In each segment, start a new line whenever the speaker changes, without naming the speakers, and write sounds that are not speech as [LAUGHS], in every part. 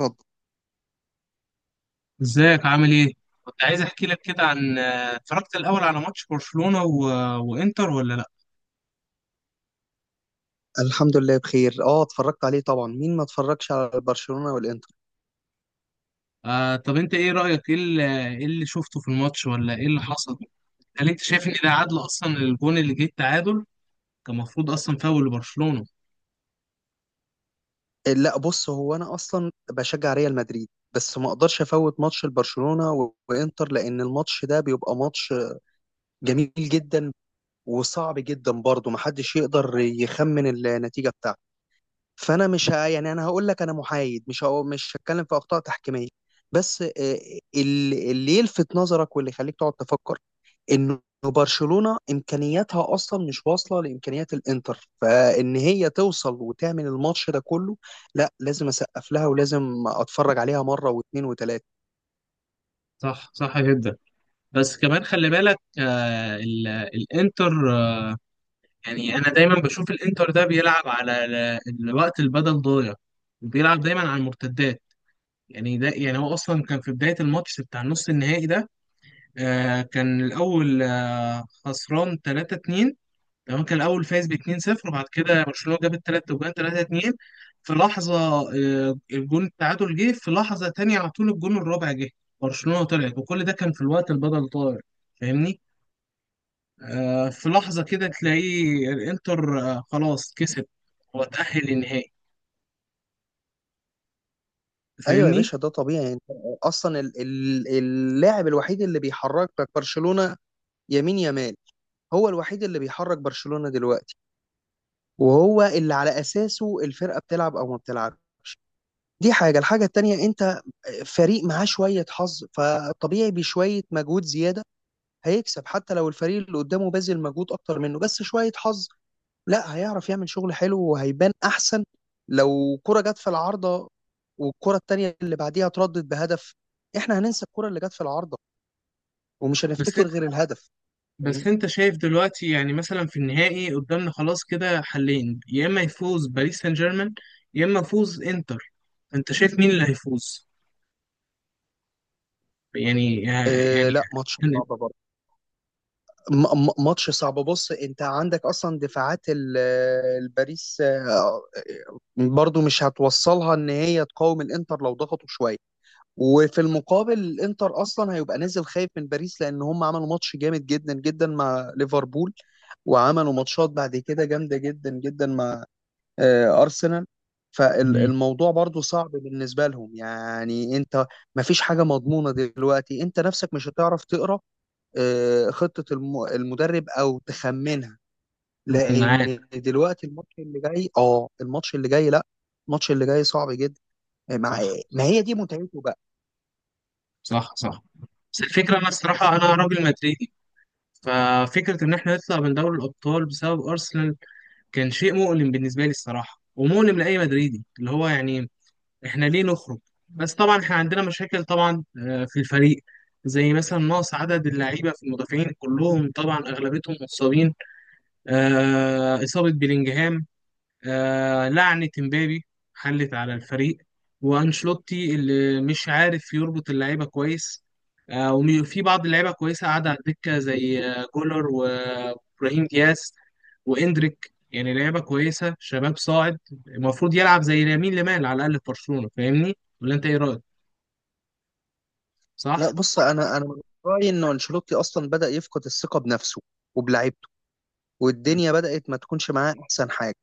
اتفضل.
ازيك عامل ايه؟ كنت عايز احكي لك كده عن اتفرجت الاول على ماتش برشلونة وانتر ولا لا؟
الحمد لله بخير. اه اتفرجت عليه طبعا، مين ما اتفرجش على برشلونة والانتر؟
آه، طب انت ايه رأيك؟ ايه اللي شفته في الماتش ولا ايه اللي حصل؟ هل انت شايف ان ده عدل اصلا، الجون اللي جه التعادل كان المفروض اصلا فاول لبرشلونة؟
إيه، لا، بص هو انا اصلا بشجع ريال مدريد، بس ما اقدرش افوت ماتش البرشلونة وانتر، لان الماتش ده بيبقى ماتش جميل جدا وصعب جدا برضه، محدش يقدر يخمن النتيجة بتاعته. فانا مش ه... يعني انا هقول لك انا محايد، مش هتكلم في اخطاء تحكيمية، بس اللي يلفت نظرك واللي يخليك تقعد تفكر انه برشلونة امكانياتها اصلا مش واصلة لامكانيات الانتر، فان هي توصل وتعمل الماتش ده كله، لا، لازم اسقف لها ولازم اتفرج عليها مرة واثنين وثلاثة.
صح، صح جدا. بس كمان خلي بالك، الانتر، آه، يعني انا دايما بشوف الانتر ده بيلعب على الوقت البدل ضايع، بيلعب دايما على المرتدات. يعني ده، يعني هو اصلا كان في بداية الماتش بتاع النص النهائي ده، كان الأول خسران 3-2. تمام، كان الأول فايز ب 2-0، وبعد كده برشلونة جاب التلات وجان 3-2 في لحظة. الجون التعادل جه في لحظة تانية، على طول الجون الرابع جه، برشلونة طلعت، وكل ده كان في الوقت البدل طاير. فاهمني، في لحظة كده تلاقيه الإنتر، خلاص كسب وتأهل للنهائي،
ايوه يا
فاهمني.
باشا، ده طبيعي. انت اصلا اللاعب الوحيد اللي بيحركك برشلونة يمين يمال، هو الوحيد اللي بيحرك برشلونة دلوقتي، وهو اللي على اساسه الفرقة بتلعب او ما بتلعبش. دي حاجة. الحاجة التانية، انت فريق معاه شوية حظ فطبيعي بشوية مجهود زيادة هيكسب حتى لو الفريق اللي قدامه باذل مجهود اكتر منه، بس شويه حظ، لا هيعرف يعمل شغل حلو وهيبان احسن. لو كرة جت في العارضة والكرة التانية اللي بعديها اتردت بهدف، احنا هننسى الكرة اللي جت في العارضة ومش
بس
هنفتكر غير الهدف.
بس
فاهمني؟
انت شايف دلوقتي، يعني مثلا في النهائي قدامنا خلاص كده حلين، يا اما يفوز باريس سان جيرمان يا اما يفوز انتر، انت شايف مين اللي هيفوز؟ يعني،
آه،
يعني،
لا، ماتش صعب برضه. ماتش صعب. بص، انت عندك اصلا دفاعات الباريس، برضه مش هتوصلها ان هي تقاوم الانتر لو ضغطوا شوية. وفي المقابل الانتر اصلا هيبقى نازل خايف من باريس، لان هم عملوا ماتش جامد جدا جدا مع ليفربول، وعملوا ماتشات بعد كده جامده جدا جدا مع ارسنال.
مم،
فالموضوع برضو صعب بالنسبه لهم، يعني انت. ما فيش حاجه مضمونه دلوقتي، انت نفسك مش هتعرف تقرا خطه المدرب او تخمنها، لان
معاك،
دلوقتي الماتش اللي جاي لا، الماتش اللي جاي صعب جدا مع.
صح،
ما هي دي متعته بقى.
صح، صح. بس الفكرة، أنا الصراحة أنا راجل مدريدي، ففكرة إن إحنا نطلع من دوري الأبطال بسبب أرسنال كان شيء مؤلم بالنسبة لي الصراحة، ومؤلم لأي مدريدي، اللي هو يعني احنا ليه نخرج؟ بس طبعا احنا عندنا مشاكل طبعا، في الفريق، زي مثلا نقص عدد اللعيبه في المدافعين، كلهم طبعا اغلبيتهم مصابين. اصابه بيلينجهام، لعنه امبابي حلت على الفريق، وانشلوتي اللي مش عارف يربط اللعيبه كويس. وفي بعض اللعيبه كويسه قاعده على الدكه، زي جولر وابراهيم دياز واندريك، يعني لعيبه كويسه شباب صاعد، المفروض يلعب زي لامين يامال على الاقل في برشلونه، فاهمني ولا انت ايه رايك؟
لا،
صح.
بص، انا من رايي انه انشيلوتي اصلا بدا يفقد الثقه بنفسه وبلعيبته،
مم.
والدنيا بدات ما تكونش معاه احسن حاجه.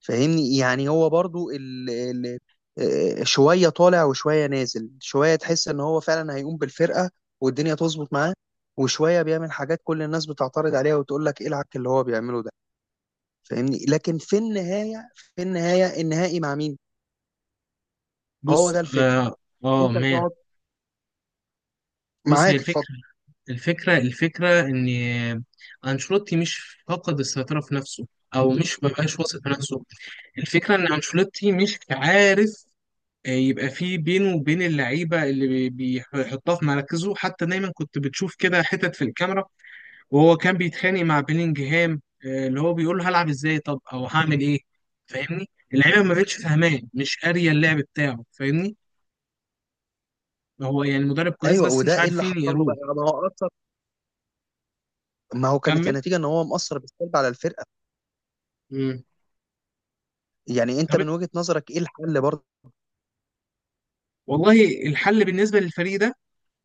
فاهمني؟ يعني هو برضو ال ال آه، شويه طالع وشويه نازل، شويه تحس ان هو فعلا هيقوم بالفرقه والدنيا تظبط معاه، وشويه بيعمل حاجات كل الناس بتعترض عليها وتقول لك ايه العك اللي هو بيعمله ده. فاهمني؟ لكن في النهايه، النهائي مع مين، هو
بص،
ده الفكره.
اه. اه
انت
ما،
هتقعد.
بص هي
معاك، اتفضل.
الفكره، الفكره ان انشيلوتي مش فقد السيطره في نفسه او مش مبقاش واثق في نفسه. الفكره ان انشيلوتي مش عارف يبقى في بينه وبين اللعيبه، بيحطها في مراكزه، حتى دايما كنت بتشوف كده حتت في الكاميرا وهو كان بيتخانق مع بيلينجهام، اللي هو بيقول له هلعب ازاي، طب او هعمل ايه، فاهمني. اللعيبه ما بقتش فاهماه، مش قاريه اللعب بتاعه، فاهمني. هو يعني مدرب كويس
ايوه،
بس
وده
مش
ايه اللي حصل
عارفين
له
يقروه.
بقى؟ ما هو، كانت
كمل.
النتيجة ان هو مأثر بالسلب على الفرقة.
مم.
يعني انت
طب،
من وجهة نظرك ايه الحل برضه؟
والله الحل بالنسبه للفريق ده،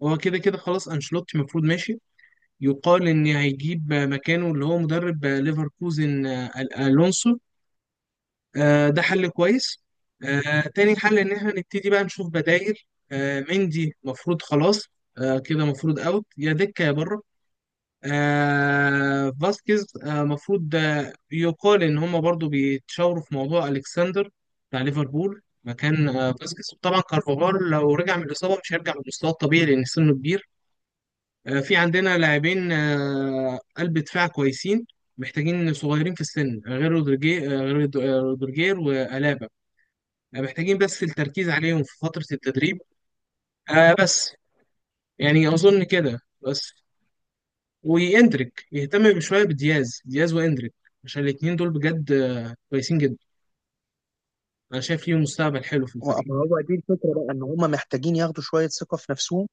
هو كده كده خلاص انشيلوتي المفروض ماشي. يقال ان هيجيب مكانه اللي هو مدرب ليفركوزن، الونسو، ده حل كويس. تاني حل ان احنا نبتدي بقى نشوف بدائل. مندي مفروض خلاص، كده مفروض اوت، يا دكة يا بره. فاسكيز مفروض، يقال ان هما برضو بيتشاوروا في موضوع الكسندر بتاع ليفربول مكان فاسكيز. طبعا كارفاغال لو رجع من الاصابه مش هيرجع لمستواه الطبيعي لان سنه كبير. في عندنا لاعبين قلب دفاع كويسين، محتاجين صغيرين في السن، غير رودريجير، غير رودريجير والابا. يعني محتاجين بس التركيز عليهم في فترة التدريب، بس. يعني أظن كده بس. وإندريك، يهتم بشوية بدياز وإندريك، عشان الاتنين دول بجد كويسين جدا، أنا شايف ليهم مستقبل حلو في الفريق.
ما هو دي الفكرة بقى، ان هم محتاجين ياخدوا شوية ثقة في نفسهم،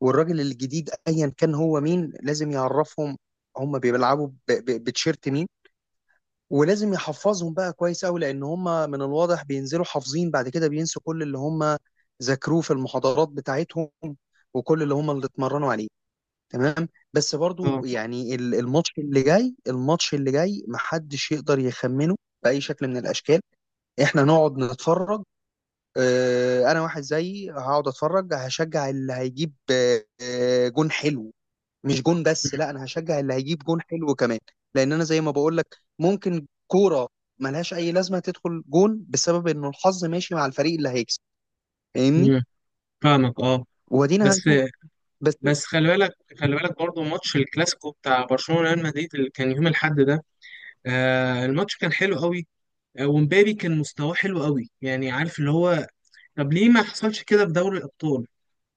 والراجل الجديد ايا كان هو مين لازم يعرفهم هم بيلعبوا بتشيرت مين، ولازم يحفظهم بقى كويس قوي، لان هم من الواضح بينزلوا حافظين بعد كده بينسوا كل اللي هم ذاكروه في المحاضرات بتاعتهم، وكل اللي هم اللي اتمرنوا عليه. تمام. بس
اه.
برضو يعني الماتش اللي جاي محدش يقدر يخمنه بأي شكل من الأشكال. احنا نقعد نتفرج. اه انا واحد زيي هقعد اتفرج، هشجع اللي هيجيب جون حلو. مش جون بس، لا، انا هشجع اللي هيجيب جون حلو كمان، لان انا زي ما بقول لك ممكن كورة ملهاش اي لازمة تدخل جون بسبب انه الحظ ماشي مع الفريق اللي هيكسب. فاهمني؟
مم. فاهمك، اه.
ودينا
بس،
هنشوف. بس،
بس خلي بالك، خلي بالك برضه ماتش الكلاسيكو بتاع برشلونة ريال مدريد اللي كان يوم الأحد ده، الماتش كان حلو قوي. ومبابي كان مستواه حلو قوي، يعني عارف اللي هو، طب ليه ما حصلش كده في دوري الأبطال؟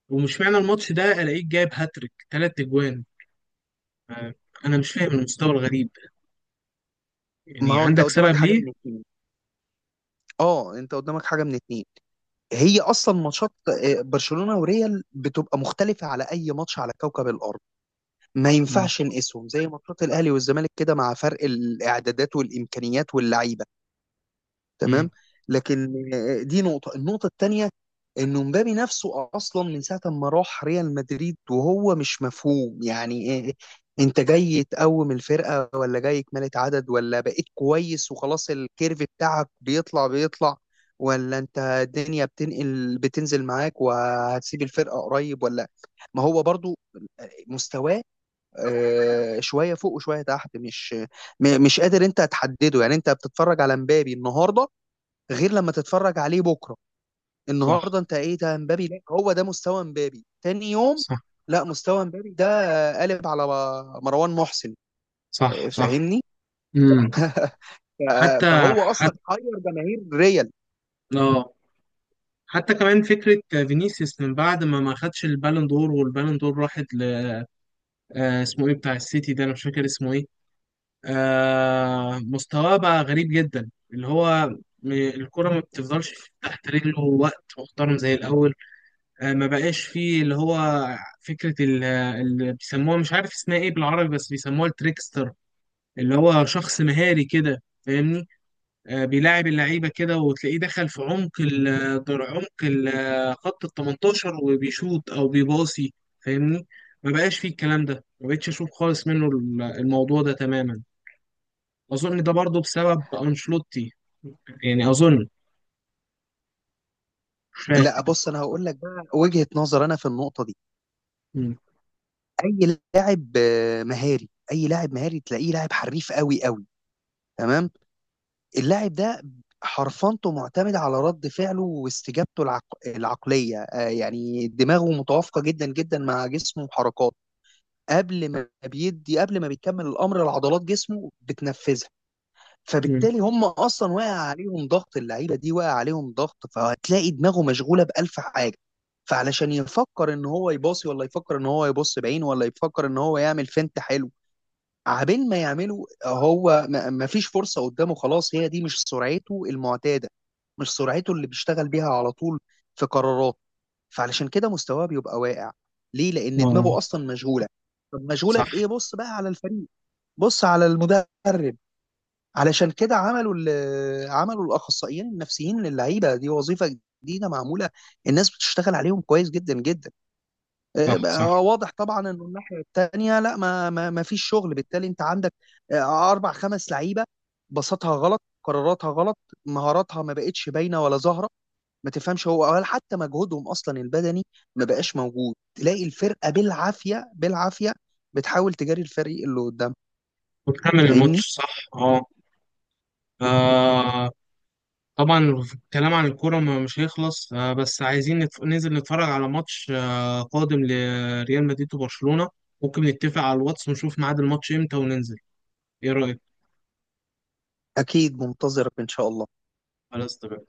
ومش معنى الماتش ده الاقيك جايب هاتريك تلات اجوان. انا مش فاهم المستوى الغريب،
ما
يعني
هو انت
عندك
قدامك
سبب
حاجة من
ليه؟
اتنين، اه انت قدامك حاجة من اتنين. هي اصلا ماتشات برشلونه وريال بتبقى مختلفه على اي ماتش على كوكب الارض. ما
مم.
ينفعش نقيسهم زي ماتشات الاهلي والزمالك كده مع فرق الاعدادات والامكانيات واللعيبه.
مم.
تمام. لكن دي النقطة التانية، انه مبابي نفسه اصلا من ساعة ما راح ريال مدريد وهو مش مفهوم. يعني إيه، انت جاي تقوم الفرقة ولا جاي كمالة عدد، ولا بقيت كويس وخلاص الكيرف بتاعك بيطلع بيطلع، ولا انت الدنيا بتنقل بتنزل معاك وهتسيب الفرقة قريب ولا. ما هو برضو مستواه شوية فوق وشوية تحت، مش مش قادر انت تحدده. يعني انت بتتفرج على مبابي النهاردة غير لما تتفرج عليه بكره.
صح،
النهارده انت ايه ده امبابي؟ لا، هو ده مستوى امبابي؟ تاني يوم،
صح،
لا، مستوى امبابي ده قالب على مروان محسن.
صح، صح.
فاهمني؟
مم.
[LAUGHS]
حتى،
فهو اصلا
حتى،
حير جماهير ريال.
اه، حتى كمان فكرة فينيسيوس من بعد ما خدش البالون دور، والبالون دور راحت ل، اسمه ايه بتاع السيتي ده، انا مش فاكر اسمه ايه. مستواه بقى غريب جدا، اللي هو، الكرة ما بتفضلش تحت رجله وقت محترم زي الأول. ما بقاش فيه اللي هو فكرة اللي بيسموها، مش عارف اسمها ايه بالعربي، بس بيسموها التريكستر، اللي هو شخص مهاري كده، فاهمني. بيلاعب اللعيبة كده، وتلاقيه دخل في عمق ال خط ال 18 وبيشوط او بيباصي، فاهمني. ما بقاش فيه الكلام ده، ما بقتش اشوف خالص منه الموضوع ده تماما. اظن ده برضه بسبب انشلوتي، يعني اظن، مش فاهم.
لا، بص، انا هقول لك بقى وجهة نظر انا في النقطه دي.
مم.
اي لاعب مهاري، تلاقيه لاعب حريف قوي قوي. تمام. اللاعب ده حرفنته معتمدة على رد فعله واستجابته العقلية، يعني دماغه متوافقة جدا جدا مع جسمه وحركاته. قبل ما بيكمل الأمر لعضلات جسمه بتنفذها.
مم.
فبالتالي هم أصلا واقع عليهم ضغط، اللعيبة دي واقع عليهم ضغط، فهتلاقي دماغه مشغولة بألف حاجة. فعلشان يفكر ان هو يباصي، ولا يفكر ان هو يبص بعين، ولا يفكر ان هو يعمل فنت حلو. عبين ما يعملوا هو ما فيش فرصة قدامه خلاص، هي دي مش سرعته المعتادة، مش سرعته اللي بيشتغل بيها على طول في قرارات. فعلشان كده مستواه بيبقى واقع. ليه؟ لأن
اه.
دماغه أصلا مشغولة. طب مشغولة
صح،
بإيه؟ بص بقى على الفريق، بص على المدرب. علشان كده عملوا عملوا الأخصائيين النفسيين للعيبة دي وظيفة جديدة معمولة، الناس بتشتغل عليهم كويس جدا جدا.
صح،
بقى
صح.
واضح طبعا انه الناحيه الثانيه لا، ما فيش شغل. بالتالي انت عندك اربع خمس لعيبه، بساطها غلط، قراراتها غلط، مهاراتها ما بقتش باينه ولا ظاهره ما تفهمش هو، ولا حتى مجهودهم اصلا البدني ما بقاش موجود. تلاقي الفرقه بالعافيه بالعافيه بتحاول تجاري الفريق اللي قدام.
وتكمل
فاهمني؟
الماتش، صح، اه. آه، طبعا الكلام عن الكورة مش هيخلص، آه، بس عايزين ننزل نتفرج على ماتش آه قادم لريال مدريد وبرشلونة. ممكن نتفق على الواتس ونشوف ميعاد الماتش امتى وننزل، ايه رأيك؟
اكيد منتظرك ان شاء الله.
خلاص، تمام.